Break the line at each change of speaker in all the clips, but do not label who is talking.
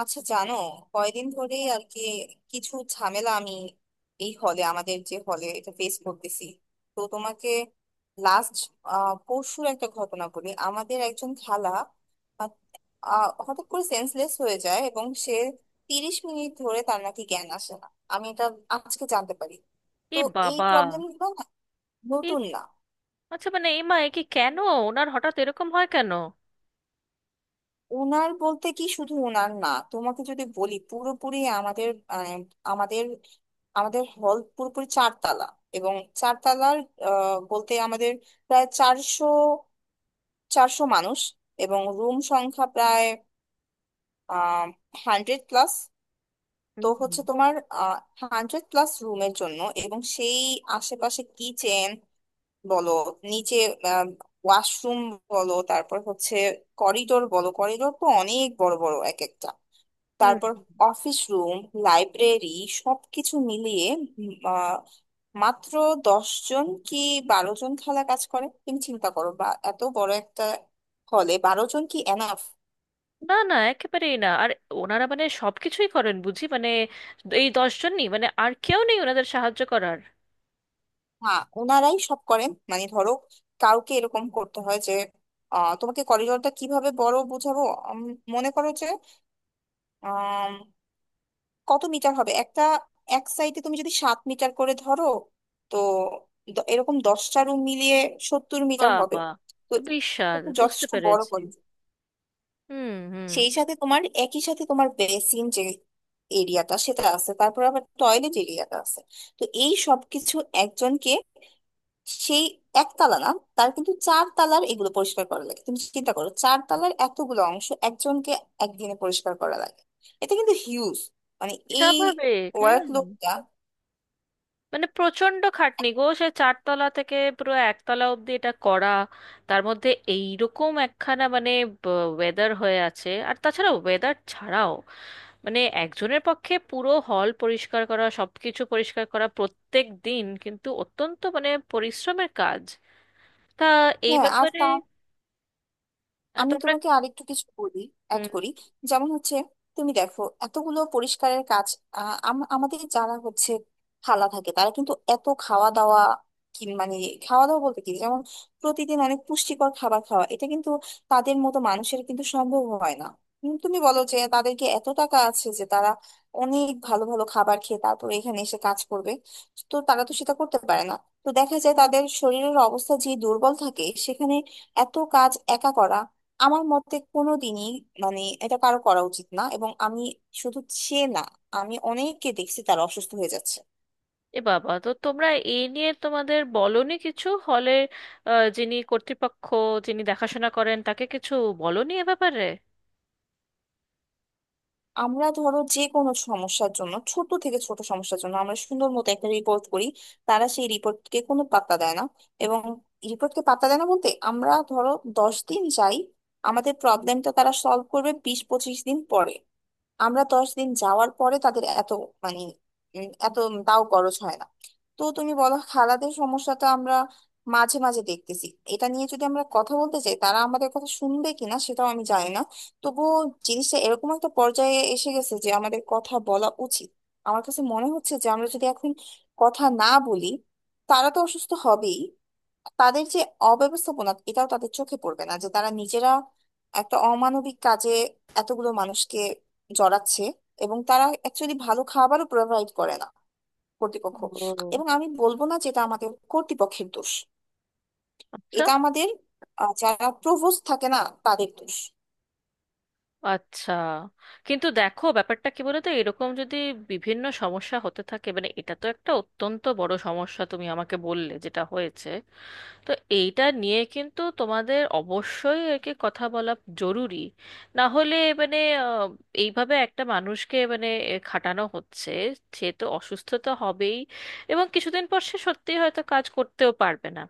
আচ্ছা জানো, কয়দিন ধরেই আর কি কিছু ঝামেলা আমি এই হলে, আমাদের যে হলে এটা ফেস করতেছি। তো তোমাকে লাস্ট পরশুর একটা ঘটনা বলি। আমাদের একজন খালা আহ, আহ, হঠাৎ করে সেন্সলেস হয়ে যায়, এবং সে 30 মিনিট ধরে তার নাকি জ্ঞান আসে না। আমি এটা আজকে জানতে পারি।
এ
তো এই
বাবা।
প্রবলেমগুলো
এ,
নতুন না।
আচ্ছা, মানে এমা, এ কি কেন ওনার হঠাৎ এরকম হয় কেন?
ওনার বলতে কি, শুধু ওনার না, তোমাকে যদি বলি পুরোপুরি আমাদের, মানে আমাদের আমাদের হল পুরোপুরি চারতলা, এবং চারতলার বলতে আমাদের প্রায় চারশো চারশো মানুষ। এবং রুম সংখ্যা প্রায় আহ 100+। তো হচ্ছে
হুম
তোমার 100+ রুমের জন্য, এবং সেই আশেপাশে কিচেন বলো, নিচে ওয়াশরুম বলো, তারপর হচ্ছে করিডোর বলো, করিডোর তো অনেক বড় বড় এক একটা।
হুম
তারপর অফিস রুম, লাইব্রেরি, সবকিছু মিলিয়ে উম, আহ, মাত্র 10 জন কি 12 জন খালা কাজ করে। তুমি চিন্তা করো, বা এত বড় একটা হলে 12 জন কি এনাফ?
না না, একেবারেই না। আর ওনারা মানে সবকিছুই করেন বুঝি? মানে এই দশজনই, মানে আর কেউ নেই ওনাদের সাহায্য করার?
হ্যাঁ, ওনারাই সব করেন। মানে ধরো, কাউকে এরকম করতে হয় যে তোমাকে করিডোরটা কিভাবে বড় বুঝাবো। উম, মনে করো যে কত মিটার হবে একটা, এক সাইডে তুমি যদি 7 মিটার করে ধরো, তো এরকম 10টা রুম মিলিয়ে 70 মিটার হবে।
বাবা,
তো
তো
এটা,
বিশাল,
তো
বুঝতে
যথেষ্ট বড়
পেরেছি।
কলেজ।
হুম হুম
সেই সাথে তোমার, একই সাথে তোমার বেসিন যে এরিয়াটা সেটা আছে, তারপর আবার টয়লেট এরিয়াটা আছে। তো এই সবকিছু একজনকে, সেই একতলা না, তার কিন্তু চার তালার এগুলো পরিষ্কার করা লাগে। তুমি চিন্তা করো, চার তালার এতগুলো অংশ একজনকে একদিনে পরিষ্কার করা লাগে। এটা কিন্তু হিউজ, মানে এই
স্বাভাবিক, হ্যাঁ।
ওয়ার্ক লোডটা।
মানে প্রচন্ড খাটনি গো, সে চারতলা থেকে পুরো একতলা অবধি এটা করা, তার মধ্যে এইরকম একখানা মানে ওয়েদার হয়ে আছে, আর তাছাড়া ওয়েদার ছাড়াও মানে একজনের পক্ষে পুরো হল পরিষ্কার করা, সবকিছু পরিষ্কার করা প্রত্যেক দিন কিন্তু অত্যন্ত মানে পরিশ্রমের কাজ। তা এই
হ্যাঁ, আর
ব্যাপারে
তা আমি
তোমরা।
তোমাকে আরেকটু কিছু বলি, অ্যাড
হুম।
করি। যেমন হচ্ছে, তুমি দেখো এতগুলো পরিষ্কারের কাজ, আমাদের যারা হচ্ছে খালা থাকে, তারা কিন্তু এত খাওয়া দাওয়া কি, মানে খাওয়া দাওয়া বলতে কি, যেমন প্রতিদিন অনেক পুষ্টিকর খাবার খাওয়া, এটা কিন্তু তাদের মতো মানুষের কিন্তু সম্ভব হয় না। তুমি বলো যে তাদেরকে এত টাকা আছে যে তারা অনেক ভালো ভালো খাবার খেয়ে তারপর এখানে এসে কাজ করবে? তো তারা তো সেটা করতে পারে না। তো দেখা যায় তাদের শরীরের অবস্থা যে দুর্বল থাকে, সেখানে এত কাজ একা করা আমার মতে কোনোদিনই, মানে এটা কারো করা উচিত না। এবং আমি শুধু সে না, আমি অনেককে দেখছি তারা অসুস্থ হয়ে যাচ্ছে।
এ বাবা, তো তোমরা এই নিয়ে তোমাদের বলনি কিছু হলে যিনি কর্তৃপক্ষ, যিনি দেখাশোনা করেন তাকে কিছু বলনি এ ব্যাপারে?
আমরা ধরো যে কোনো সমস্যার জন্য, ছোট থেকে ছোট সমস্যার জন্য আমরা সুন্দর মতো একটা রিপোর্ট করি, তারা সেই রিপোর্টকে কোনো পাত্তা দেয় না। এবং রিপোর্টকে পাত্তা দেয় না বলতে, আমরা ধরো 10 দিন যাই, আমাদের প্রবলেমটা তারা সলভ করবে 20-25 দিন পরে। আমরা 10 দিন যাওয়ার পরে তাদের এত, মানে এত তাও খরচ হয় না। তো তুমি বলো, খালাদের সমস্যাটা আমরা মাঝে মাঝে দেখতেছি। এটা নিয়ে যদি আমরা কথা বলতে চাই, তারা আমাদের কথা শুনবে কিনা সেটাও আমি জানি না। তবুও জিনিসটা এরকম একটা পর্যায়ে এসে গেছে যে আমাদের কথা বলা উচিত। আমার কাছে মনে হচ্ছে যে আমরা যদি এখন কথা না বলি, তারা তো অসুস্থ হবেই। তাদের যে অব্যবস্থাপনা, এটাও তাদের চোখে পড়বে না যে তারা নিজেরা একটা অমানবিক কাজে এতগুলো মানুষকে জড়াচ্ছে। এবং তারা অ্যাকচুয়ালি ভালো খাবারও প্রোভাইড করে না, কর্তৃপক্ষ।
ও
এবং আমি বলবো না যে এটা আমাদের কর্তৃপক্ষের দোষ।
আচ্ছা।
এটা আমাদের যারা প্রভোস্ট থাকে না, তাদের দোষ।
আচ্ছা, কিন্তু দেখো ব্যাপারটা কি বলতো, এরকম যদি বিভিন্ন সমস্যা হতে থাকে, মানে এটা তো একটা অত্যন্ত বড় সমস্যা তুমি আমাকে বললে যেটা হয়েছে। তো এইটা নিয়ে কিন্তু তোমাদের অবশ্যই একে কথা বলা জরুরি। না হলে মানে আহ, এইভাবে একটা মানুষকে মানে এ, খাটানো হচ্ছে, সে তো অসুস্থ তো হবেই, এবং কিছুদিন পর সে সত্যিই হয়তো কাজ করতেও পারবে না।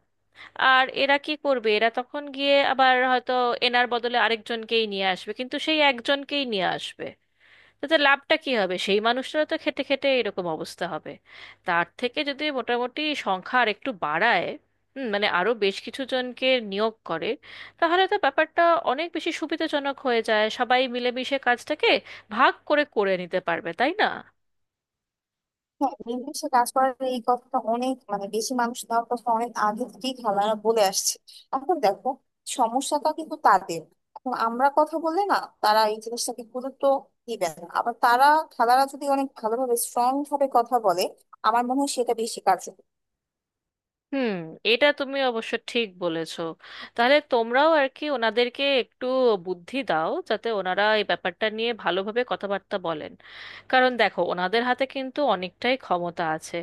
আর এরা কি করবে, এরা তখন গিয়ে আবার হয়তো এনার বদলে আরেকজনকেই নিয়ে আসবে, কিন্তু সেই একজনকেই নিয়ে আসবে। তাতে লাভটা কি হবে, সেই মানুষটারও তো খেতে খেতে এরকম অবস্থা হবে। তার থেকে যদি মোটামুটি সংখ্যা আর একটু বাড়ায়, মানে আরো বেশ কিছু জনকে নিয়োগ করে, তাহলে তো ব্যাপারটা অনেক বেশি সুবিধাজনক হয়ে যায়, সবাই মিলেমিশে কাজটাকে ভাগ করে করে নিতে পারবে তাই না?
হ্যাঁ, নির্দিষ্ট কাজ করার এই কথাটা, অনেক মানে বেশি মানুষ দেওয়ার কথা অনেক আগে থেকেই খেলারা বলে আসছে। এখন দেখো সমস্যাটা কিন্তু তাদের, এখন আমরা কথা বলে না, তারা এই জিনিসটাকে গুরুত্ব দিবে না। আবার তারা, খেলারা যদি অনেক ভালোভাবে স্ট্রং ভাবে কথা বলে, আমার মনে হয় সেটা বেশি কার্যকর।
হুম। এটা তুমি অবশ্য ঠিক বলেছো। তাহলে তোমরাও আর কি ওনাদেরকে একটু বুদ্ধি দাও যাতে ওনারা এই ব্যাপারটা নিয়ে ভালোভাবে কথাবার্তা বলেন। কারণ দেখো ওনাদের হাতে কিন্তু অনেকটাই ক্ষমতা আছে।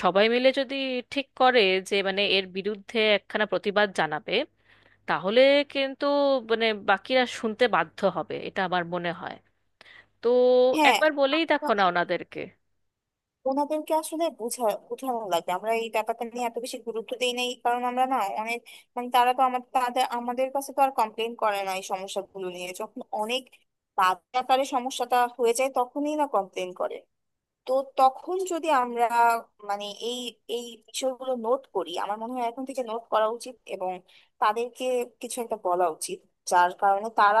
সবাই মিলে যদি ঠিক করে যে মানে এর বিরুদ্ধে একখানা প্রতিবাদ জানাবে, তাহলে কিন্তু মানে বাকিরা শুনতে বাধ্য হবে, এটা আমার মনে হয়। তো
হ্যাঁ,
একবার বলেই দেখো না ওনাদেরকে।
ওনাদেরকে আসলে বুঝানো লাগবে। আমরা এই ব্যাপারটা নিয়ে এত বেশি গুরুত্ব দিই নাই, কারণ আমরা না অনেক, মানে তারা তো আমাদের, তাদের আমাদের কাছে তো আর কমপ্লেন করে না এই সমস্যাগুলো নিয়ে। যখন অনেক বাজে আকারে সমস্যাটা হয়ে যায়, তখনই না কমপ্লেন করে। তো তখন যদি আমরা, মানে এই এই বিষয়গুলো নোট করি, আমার মনে হয় এখন থেকে নোট করা উচিত, এবং তাদেরকে কিছু একটা বলা উচিত, যার কারণে তারা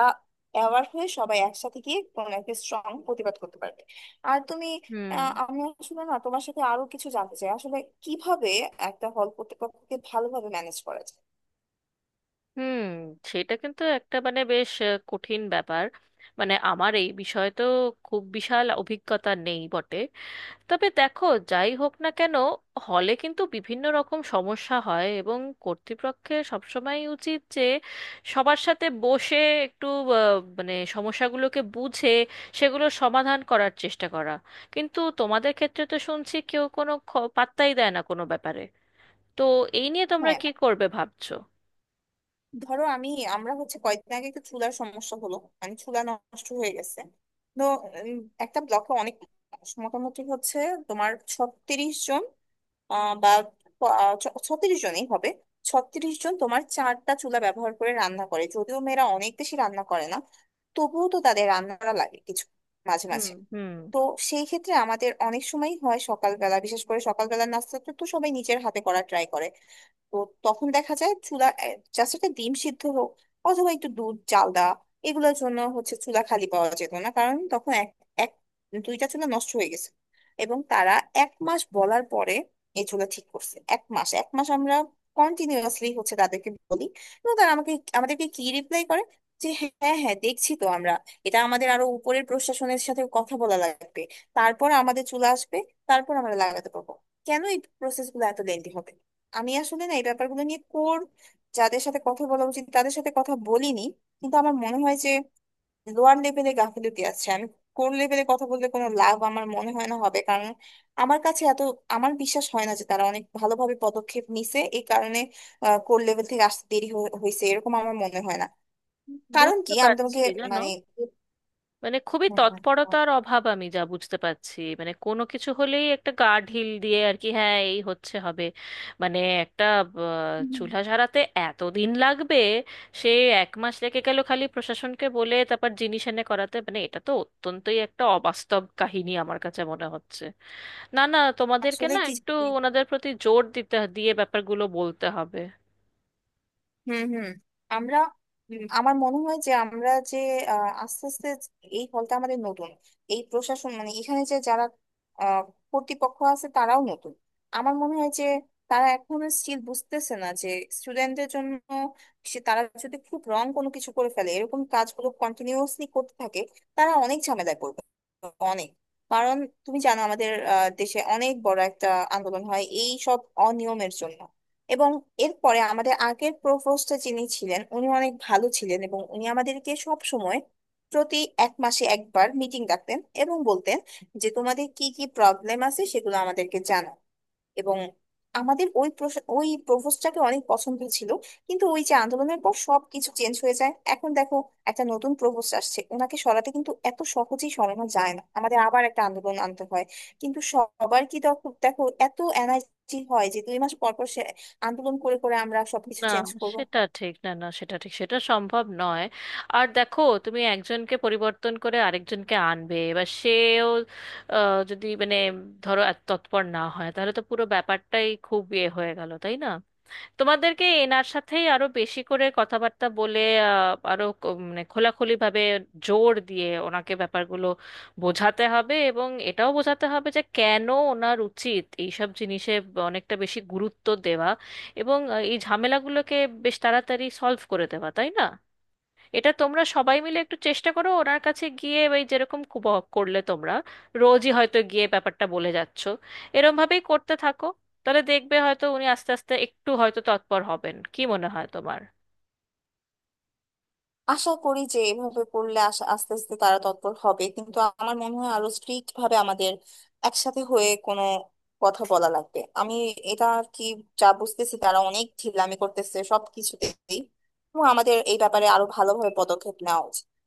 অ্যাওয়ার হয়ে সবাই একসাথে গিয়ে কোনো একটা স্ট্রং প্রতিবাদ করতে পারবে। আর তুমি,
হুম
আমি আসলে না, তোমার সাথে আরো কিছু জানতে চাই আসলে কিভাবে একটা হল প্রতিপক্ষকে ভালোভাবে ম্যানেজ করা যায়।
হুম সেটা কিন্তু একটা মানে বেশ কঠিন ব্যাপার। মানে আমার এই বিষয়ে তো খুব বিশাল অভিজ্ঞতা নেই বটে, তবে দেখো যাই হোক না কেন, হলে কিন্তু বিভিন্ন রকম সমস্যা হয় এবং কর্তৃপক্ষের সবসময় উচিত যে সবার সাথে বসে একটু মানে সমস্যাগুলোকে বুঝে সেগুলো সমাধান করার চেষ্টা করা। কিন্তু তোমাদের ক্ষেত্রে তো শুনছি কেউ কোনো পাত্তাই দেয় না কোনো ব্যাপারে। তো এই নিয়ে তোমরা
হ্যাঁ,
কি করবে ভাবছো?
ধরো আমি, আমরা হচ্ছে কয়েকদিন আগে একটা চুলার সমস্যা হলো, মানে চুলা নষ্ট হয়ে গেছে। তো উম, একটা ব্লকে অনেক মানুষ, মোটামুটি হচ্ছে তোমার 36 জন, আহ, বা প- আহ, ছ- 36 জনই হবে। 36 জন তোমার 4টা চুলা ব্যবহার করে রান্না করে, যদিও মেয়েরা অনেক বেশি রান্না করে না, তবুও তো তাদের রান্না করা লাগে কিছু মাঝে
হুম
মাঝে।
হুম
তো সেই ক্ষেত্রে আমাদের অনেক সময় হয় সকালবেলা, বিশেষ করে সকালবেলার নাস্তাটা তো সবাই নিজের হাতে করা ট্রাই করে। তো তখন দেখা যায় চুলা, জাস্ট একটা ডিম সিদ্ধ হোক অথবা একটু দুধ চাল দেওয়া, এগুলোর জন্য হচ্ছে চুলা খালি পাওয়া যেত না, কারণ তখন এক এক 2টা চুলা নষ্ট হয়ে গেছে। এবং তারা 1 মাস বলার পরে এই চুলা ঠিক করছে। 1 মাস 1 মাস আমরা কন্টিনিউয়াসলি হচ্ছে তাদেরকে বলি, এবং তারা আমাদেরকে কি রিপ্লাই করে, যে হ্যাঁ হ্যাঁ দেখছি তো আমরা, এটা আমাদের আরো উপরের প্রশাসনের সাথে কথা বলা লাগবে, তারপর আমাদের চুলা আসবে, তারপর আমরা লাগাতে পারবো। কেন এই প্রসেস গুলো এত লেন্দি হবে? আমি আসলে না, এই ব্যাপারগুলো নিয়ে কোর, যাদের সাথে কথা বলা উচিত তাদের সাথে কথা বলিনি। কিন্তু আমার মনে হয় যে লোয়ার লেভেলে গাফিলতি আছে। আমি কোর লেভেলে কথা বললে কোনো লাভ আমার মনে হয় না হবে, কারণ আমার কাছে এত, আমার বিশ্বাস হয় না যে তারা অনেক ভালোভাবে পদক্ষেপ নিছে। এই কারণে কোর লেভেল থেকে আসতে হয়েছে, এরকম আমার মনে হয় না। কারণ
বুঝতে
কি আমি তোমাকে
পারছি জানো,
মানে,
মানে খুবই
হুম, হুম, বল।
তৎপরতার অভাব আমি যা বুঝতে পারছি, মানে কোনো কিছু হলেই একটা গা ঢিল দিয়ে আর কি, হ্যাঁ এই হচ্ছে হবে। মানে একটা আহ, চুলা সারাতে এত দিন লাগবে, সে এক মাস লেগে গেল খালি প্রশাসনকে বলে তারপর জিনিস এনে করাতে, মানে এটা তো অত্যন্তই একটা অবাস্তব কাহিনী আমার কাছে মনে হচ্ছে। না না, তোমাদেরকে
আসলে
না
কি,
একটু ওনাদের প্রতি জোর দিতে দিয়ে ব্যাপারগুলো বলতে হবে।
হুম, হুম, আমরা, হুম, আমার মনে হয় যে আমরা যে আস্তে আস্তে, এই হলটা আমাদের নতুন, এই প্রশাসন মানে এখানে যে যারা আহ, কর্তৃপক্ষ আছে তারাও নতুন। আমার মনে হয় যে তারা এখনো স্টিল বুঝতেছে না যে স্টুডেন্টদের জন্য, সে, তারা যদি খুব রং কোনো কিছু করে ফেলে, এরকম কাজগুলো কন্টিনিউয়াসলি করতে থাকে, তারা অনেক ঝামেলায় পড়বে, অনেক। কারণ তুমি জানো আমাদের দেশে অনেক বড় একটা আন্দোলন হয় এই সব অনিয়মের জন্য। এবং এরপরে আমাদের আগের প্রভোস্ট যিনি ছিলেন উনি অনেক ভালো ছিলেন, এবং উনি আমাদেরকে সব সময় প্রতি 1 মাসে একবার মিটিং ডাকতেন এবং বলতেন যে তোমাদের কি কি প্রবলেম আছে সেগুলো আমাদেরকে জানাও। এবং আমাদের ওই প্রপোজটাকে অনেক পছন্দ ছিল। কিন্তু ওই যে আন্দোলনের পর সবকিছু চেঞ্জ হয়ে যায়। এখন দেখো একটা নতুন প্রপোজ আসছে ওনাকে সরাতে, কিন্তু এত সহজেই সরানো যায় না, আমাদের আবার একটা আন্দোলন আনতে হয়। কিন্তু সবার কি দেখো, দেখো এত এনার্জি হয় যে 2 মাস পর পর সে আন্দোলন করে করে আমরা সবকিছু
না
চেঞ্জ করব?
সেটা ঠিক না, না সেটা ঠিক, সেটা সম্ভব নয়। আর দেখো তুমি একজনকে পরিবর্তন করে আরেকজনকে আনবে, এবার সেও যদি মানে ধরো এত তৎপর না হয় তাহলে তো পুরো ব্যাপারটাই খুব ইয়ে হয়ে গেল তাই না? তোমাদেরকে এনার সাথেই আরো বেশি করে কথাবার্তা বলে, আরো মানে খোলাখুলি ভাবে, জোর দিয়ে ওনাকে ব্যাপারগুলো বোঝাতে হবে এবং এটাও বোঝাতে হবে যে কেন ওনার উচিত এইসব জিনিসে অনেকটা বেশি গুরুত্ব দেওয়া, এবং এই ঝামেলাগুলোকে বেশ তাড়াতাড়ি সলভ করে দেওয়া তাই না? এটা তোমরা সবাই মিলে একটু চেষ্টা করো ওনার কাছে গিয়ে। ওই যেরকম করলে তোমরা রোজই হয়তো গিয়ে ব্যাপারটা বলে যাচ্ছ, এরম ভাবেই করতে থাকো। তাহলে দেখবে হয়তো উনি আস্তে আস্তে একটু হয়তো তৎপর হবেন, কি মনে হয় তোমার?
আশা করি যে এভাবে করলে আস্তে আস্তে তারা তৎপর হবে, কিন্তু আমার মনে হয় আরো স্ট্রিক্ট ভাবে আমাদের একসাথে হয়ে কোনো কথা বলা লাগবে। আমি এটা আর কি, যা বুঝতেছি তারা অনেক ঢিলামি করতেছে সব কিছুতেই, এবং আমাদের এই ব্যাপারে আরো ভালোভাবে পদক্ষেপ নেওয়া উচিত।